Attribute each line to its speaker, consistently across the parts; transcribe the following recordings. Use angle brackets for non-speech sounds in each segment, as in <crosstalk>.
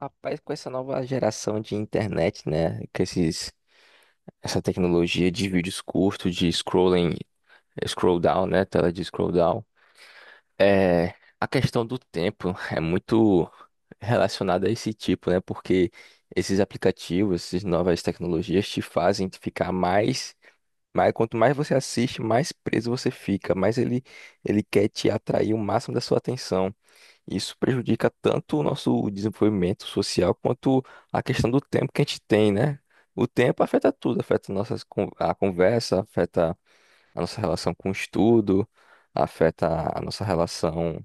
Speaker 1: Rapaz, com essa nova geração de internet, né? Essa tecnologia de vídeos curtos, de scrolling, scroll down, né? Tela de scroll down. É, a questão do tempo <laughs> é muito relacionada a esse tipo, né? Porque esses aplicativos, essas novas tecnologias te fazem ficar mais, mas quanto mais você assiste, mais preso você fica, mais ele quer te atrair o máximo da sua atenção. Isso prejudica tanto o nosso desenvolvimento social quanto a questão do tempo que a gente tem, né? O tempo afeta tudo, afeta a conversa, afeta a nossa relação com o estudo, afeta a nossa relação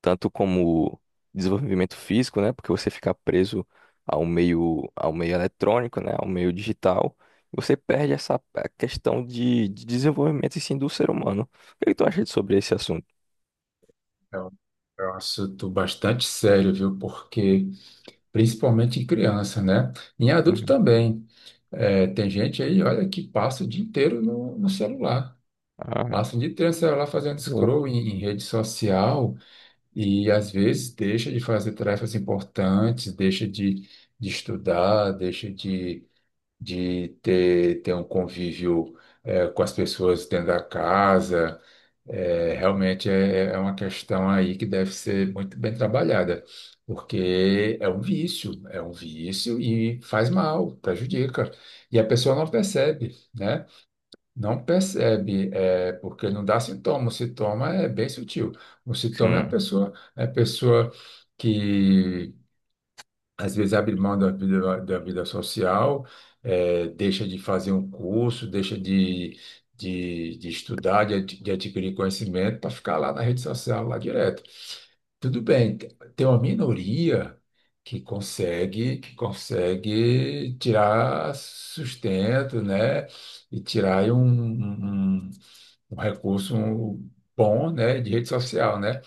Speaker 1: tanto como desenvolvimento físico, né? Porque você fica preso ao meio eletrônico, né? Ao meio digital, você perde essa questão de desenvolvimento e sim do ser humano. O que é que tu acha sobre esse assunto?
Speaker 2: É um é um assunto bastante sério, viu? Porque, principalmente em criança, né? Em adulto
Speaker 1: Uhum.
Speaker 2: também. É, tem gente aí, olha, que passa o dia inteiro no celular.
Speaker 1: Ah,
Speaker 2: Passa o dia inteiro no celular fazendo
Speaker 1: bom.
Speaker 2: scroll em rede social e, às vezes, deixa de fazer tarefas importantes, deixa de estudar, deixa de ter um convívio, com as pessoas dentro da casa. Realmente é uma questão aí que deve ser muito bem trabalhada, porque é um vício e faz mal, prejudica. E a pessoa não percebe, né? Não percebe, é, porque não dá sintoma. O sintoma é bem sutil. O sintoma
Speaker 1: Sim,
Speaker 2: é a pessoa que às vezes abre mão da vida social, deixa de fazer um curso, deixa de estudar, de adquirir conhecimento para ficar lá na rede social, lá direto. Tudo bem, tem uma minoria que consegue tirar sustento, né? E tirar aí um recurso bom, né? De rede social, né?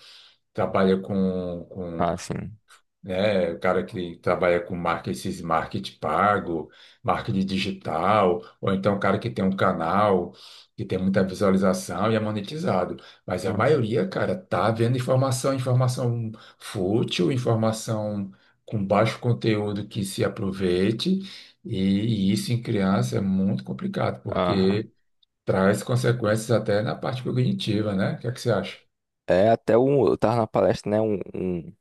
Speaker 2: Trabalha com,
Speaker 1: sim.
Speaker 2: né? O cara que trabalha com marketing, esses marketing pago, marketing digital, ou então o cara que tem um canal que tem muita visualização e é monetizado. Mas a
Speaker 1: Uhum.
Speaker 2: maioria, cara, tá vendo informação, informação fútil, informação com baixo conteúdo que se aproveite, e, e isso em criança é muito complicado,
Speaker 1: Aham.
Speaker 2: porque traz consequências até na parte cognitiva, né? O que é que você acha?
Speaker 1: É até eu tava na palestra, né? Um, um,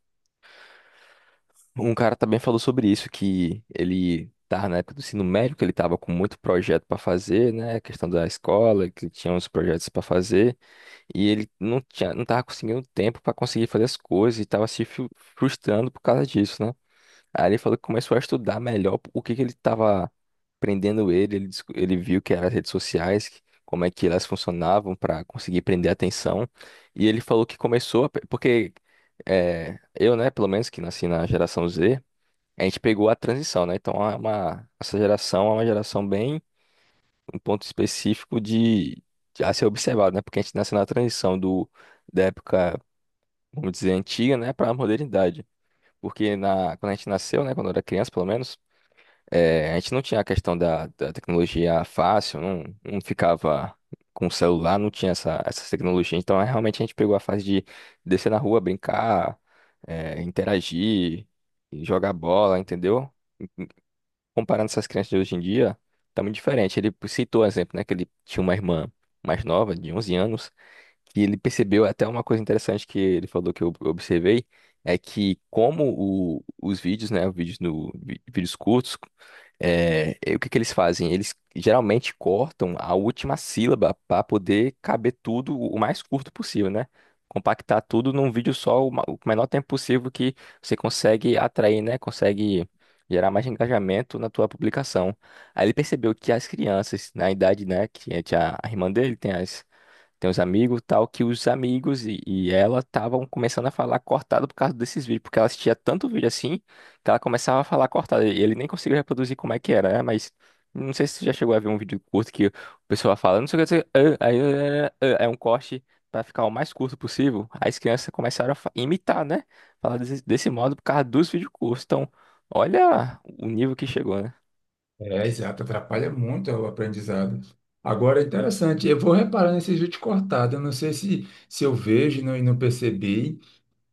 Speaker 1: um cara também falou sobre isso, que ele tava na época do ensino médio, que ele tava com muito projeto para fazer, né? A questão da escola, que ele tinha uns projetos para fazer. E ele não tinha, não tava conseguindo tempo para conseguir fazer as coisas e tava se frustrando por causa disso, né? Aí ele falou que começou a estudar melhor o que que ele tava prendendo ele, ele viu que eram as redes sociais, como é que elas funcionavam para conseguir prender a atenção. E ele falou que começou porque eu, né, pelo menos que nasci na geração Z, a gente pegou a transição, né? Então essa geração é uma geração bem um ponto específico de a ser observado, né? Porque a gente nasce na transição da época, vamos dizer, antiga, né, para a modernidade. Porque na, quando a gente nasceu, né, quando era criança, pelo menos, a gente não tinha a questão da, da tecnologia fácil, não ficava com o celular, não tinha essa tecnologia. Então, realmente, a gente pegou a fase de descer na rua, brincar, interagir, jogar bola, entendeu? Comparando essas crianças de hoje em dia, tá muito diferente. Ele citou o exemplo, né, que ele tinha uma irmã mais nova, de 11 anos, que ele percebeu até uma coisa interessante que ele falou que eu observei, é que como os vídeos, né, vídeos no, vi- vídeos curtos, e o que que eles fazem? Eles geralmente cortam a última sílaba para poder caber tudo o mais curto possível, né? Compactar tudo num vídeo só o o menor tempo possível que você consegue atrair, né? Consegue gerar mais engajamento na tua publicação. Aí ele percebeu que as crianças, na idade, né, que tinha a irmã dele, tem as tem os amigos tal, que os amigos e ela estavam começando a falar cortado por causa desses vídeos, porque ela assistia tanto vídeo assim, que ela começava a falar cortado. E ele nem conseguiu reproduzir como é que era, né? Mas não sei se você já chegou a ver um vídeo curto que o pessoal fala, não sei o que, não sei o que, ah, aí, ah, ah, é um corte para ficar o mais curto possível. Aí as crianças começaram a imitar, né? Falar desse, desse modo por causa dos vídeos curtos. Então, olha o nível que chegou, né?
Speaker 2: É, exato, atrapalha muito o aprendizado. Agora, interessante, eu vou reparar nesses vídeos cortados, eu não sei se eu vejo e não percebi,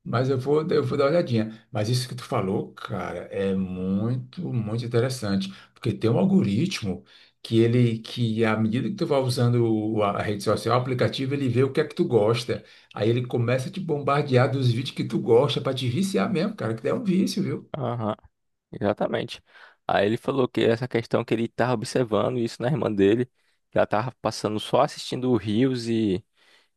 Speaker 2: mas eu vou dar uma olhadinha. Mas isso que tu falou, cara, é muito, muito interessante, porque tem um algoritmo que à medida que tu vai usando a rede social, o aplicativo, ele vê o que é que tu gosta, aí ele começa a te bombardear dos vídeos que tu gosta, para te viciar mesmo, cara, que é um vício, viu?
Speaker 1: Aham. Exatamente. Aí ele falou que essa questão que ele estava observando isso na irmã dele, que ela estava passando só assistindo rios e,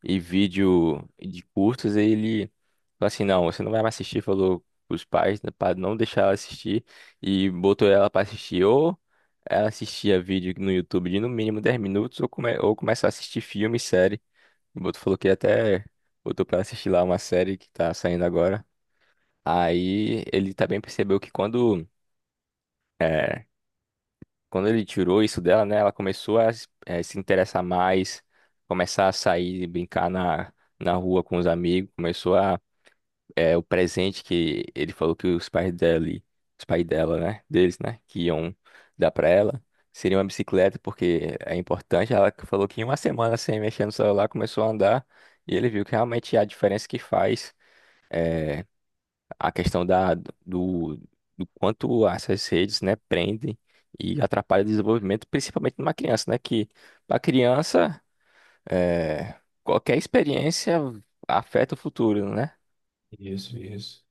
Speaker 1: e vídeo de curtas, e ele falou assim, não, você não vai mais assistir, falou os pais para não deixar ela assistir, e botou ela para assistir, ou ela assistia vídeo no YouTube de no mínimo 10 minutos, ou ou começar a assistir filme e série. O Boto falou que até botou para assistir lá uma série que tá saindo agora. Aí ele também percebeu que quando é, quando ele tirou isso dela, né, ela começou a se interessar mais, começar a sair e brincar na, na rua com os amigos, começou o presente que ele falou que os pais dele, os pais dela, né, deles, né, que iam dar pra ela, seria uma bicicleta, porque é importante, ela que falou que em uma semana sem mexer no celular, começou a andar, e ele viu que realmente a diferença que faz, eh, a questão da, do, do quanto essas redes, né, prendem e atrapalham o desenvolvimento, principalmente numa criança, né, que para criança, qualquer experiência afeta o futuro, né?
Speaker 2: Isso, isso.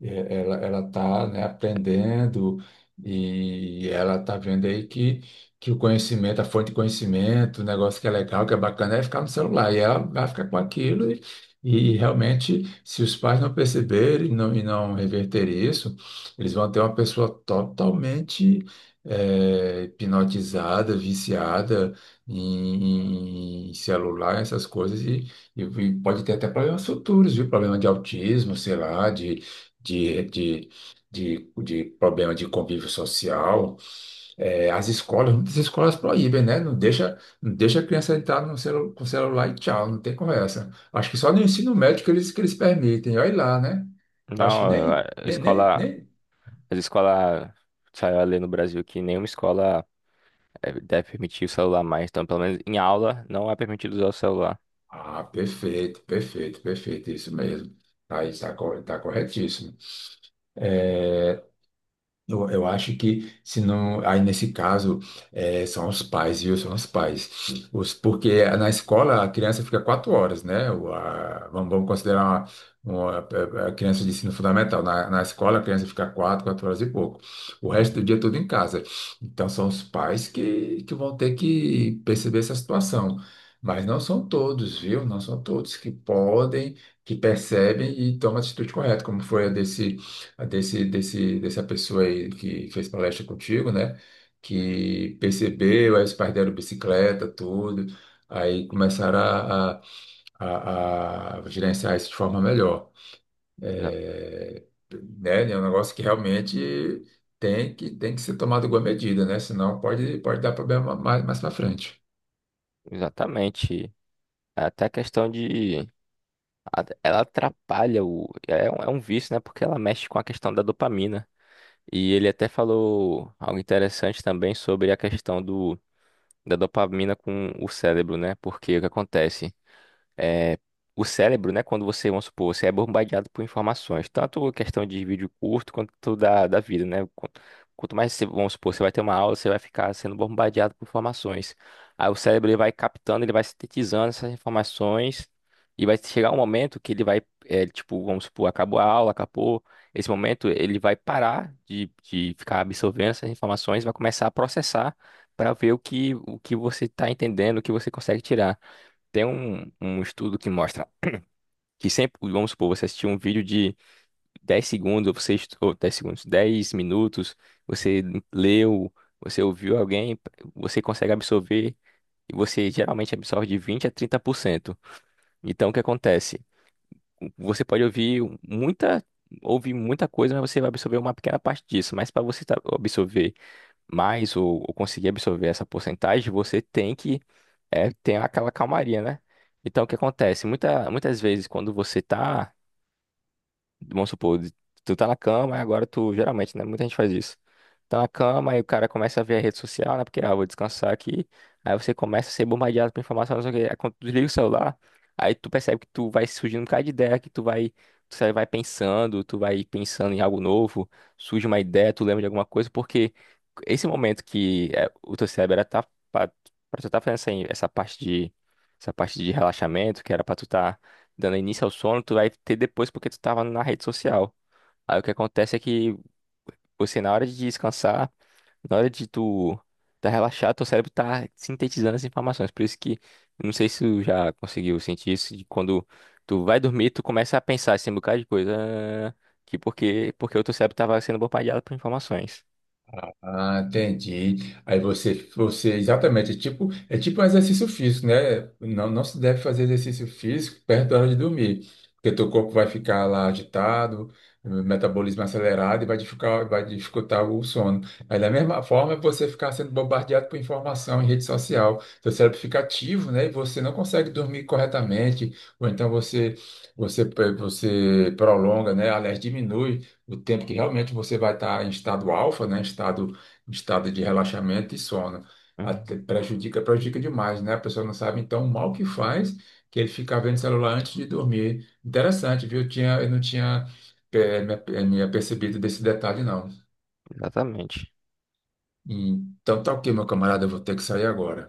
Speaker 2: É, ela está, né, aprendendo e ela está vendo que o conhecimento, a fonte de conhecimento, o negócio que é legal, que é bacana, é ficar no celular. E ela vai ficar com e realmente, se os pais não perceberem e não reverterem isso, eles vão ter uma pessoa totalmente hipnotizada, viciada em celular, essas coisas, e pode ter até problemas futuros, viu? Problema de autismo, sei lá, de, de, de problema de convívio social, as escolas, muitas escolas proíbem, né? Não deixa, não deixa a criança entrar no celu, com o celular e tchau, não tem conversa. Acho que só no ensino médio que eles permitem, olha lá, né? Acho que
Speaker 1: Não, a
Speaker 2: nem,
Speaker 1: a
Speaker 2: nem, nem,
Speaker 1: escola,
Speaker 2: nem.
Speaker 1: as escolas, saiu a lei no Brasil que nenhuma escola, deve permitir o celular mais, então pelo menos em aula não é permitido usar o celular.
Speaker 2: Ah, perfeito, perfeito, perfeito, isso mesmo. Tá, aí, tá corretíssimo. Eu acho que, se não, aí nesse caso, são os pais, viu? São os pais. Porque na escola a criança fica 4 horas, né? Vamos considerar a criança de ensino fundamental. Na escola a criança fica quatro horas e pouco. O resto
Speaker 1: Hum,
Speaker 2: do dia é tudo em casa. Então são os pais que vão ter que perceber essa situação. Mas não são todos, viu? Não são todos que podem, que percebem e tomam a atitude correta, como foi a dessa pessoa aí que fez palestra contigo, né? Que percebeu, aí os pais deram bicicleta, tudo, aí começaram a gerenciar isso de forma melhor.
Speaker 1: exa-
Speaker 2: É, né? É um negócio que realmente tem que ser tomado igual medida, né? Senão pode, pode dar problema mais, mais para frente.
Speaker 1: exatamente. Até a questão de ela atrapalha o. É um vício, né? Porque ela mexe com a questão da dopamina. E ele até falou algo interessante também sobre a questão do, da dopamina com o cérebro, né? Porque o que acontece? é, o cérebro, né? Quando você, vamos supor, você é bombardeado por informações, tanto questão de vídeo curto quanto da, da vida, né? Quanto mais você, vamos supor, você vai ter uma aula, você vai ficar sendo bombardeado por informações. Aí o cérebro, ele vai captando, ele vai sintetizando essas informações, e vai chegar um momento que ele vai, é, tipo, vamos supor, acabou a aula, acabou. Esse momento ele vai parar de ficar absorvendo essas informações, vai começar a processar para ver o que você está entendendo, o que você consegue tirar. Tem um, um estudo que mostra que sempre, vamos supor, você assistiu um vídeo de 10 segundos, ou você, ou 10 segundos, 10 minutos, você leu, você ouviu alguém, você consegue absorver, e você geralmente absorve de 20 a 30%. Então, o que acontece? Você pode muita, ouvir muita coisa, mas você vai absorver uma pequena parte disso. Mas para você absorver mais, ou conseguir absorver essa porcentagem, você tem que, ter aquela calmaria, né? Então, o que acontece? Muitas vezes, quando você está, vamos supor, tu tá na cama, e agora tu, geralmente, né? Muita gente faz isso. Tá na cama, e o cara começa a ver a rede social, né? Porque, ah, vou descansar aqui. Aí você começa a ser bombardeado por informação, não sei o quê. Aí quando tu desliga o celular, aí tu percebe que tu vai surgindo um bocado de ideia, que tu vai, tu vai pensando, tu vai pensando em algo novo, surge uma ideia, tu lembra de alguma coisa, porque esse momento que é, o teu cérebro era tá, pra, pra tu tá fazendo essa, essa parte de, essa parte de relaxamento, que era pra tu tá dando início ao sono, tu vai ter depois porque tu tava na rede social. Aí o que acontece é que você, na hora de descansar, na hora de tu tá relaxado, teu cérebro tá sintetizando as informações. Por isso que, não sei se tu já conseguiu sentir isso, de quando tu vai dormir, tu começa a pensar assim, um bocado de coisa, ah, que porque o teu cérebro tava sendo bombardeado por informações.
Speaker 2: Ah, entendi. Aí você, exatamente, é tipo um exercício físico, né? Não, não se deve fazer exercício físico perto da hora de dormir, porque teu corpo vai ficar lá agitado, metabolismo acelerado e vai dificultar o sono. Aí da mesma forma, é você ficar sendo bombardeado por informação em rede social, seu cérebro fica ativo, né? E você não consegue dormir corretamente, ou então você, você prolonga, né? Aliás, diminui o tempo que realmente você vai estar em estado alfa, né? Em estado de relaxamento e sono. Até
Speaker 1: Hum.
Speaker 2: prejudica, prejudica demais, né? A pessoa não sabe então o mal que faz, que ele fica vendo celular antes de dormir. Interessante, viu? Eu não tinha me apercebido desse detalhe, não.
Speaker 1: Exatamente.
Speaker 2: Então tá ok, meu camarada, eu vou ter que sair agora.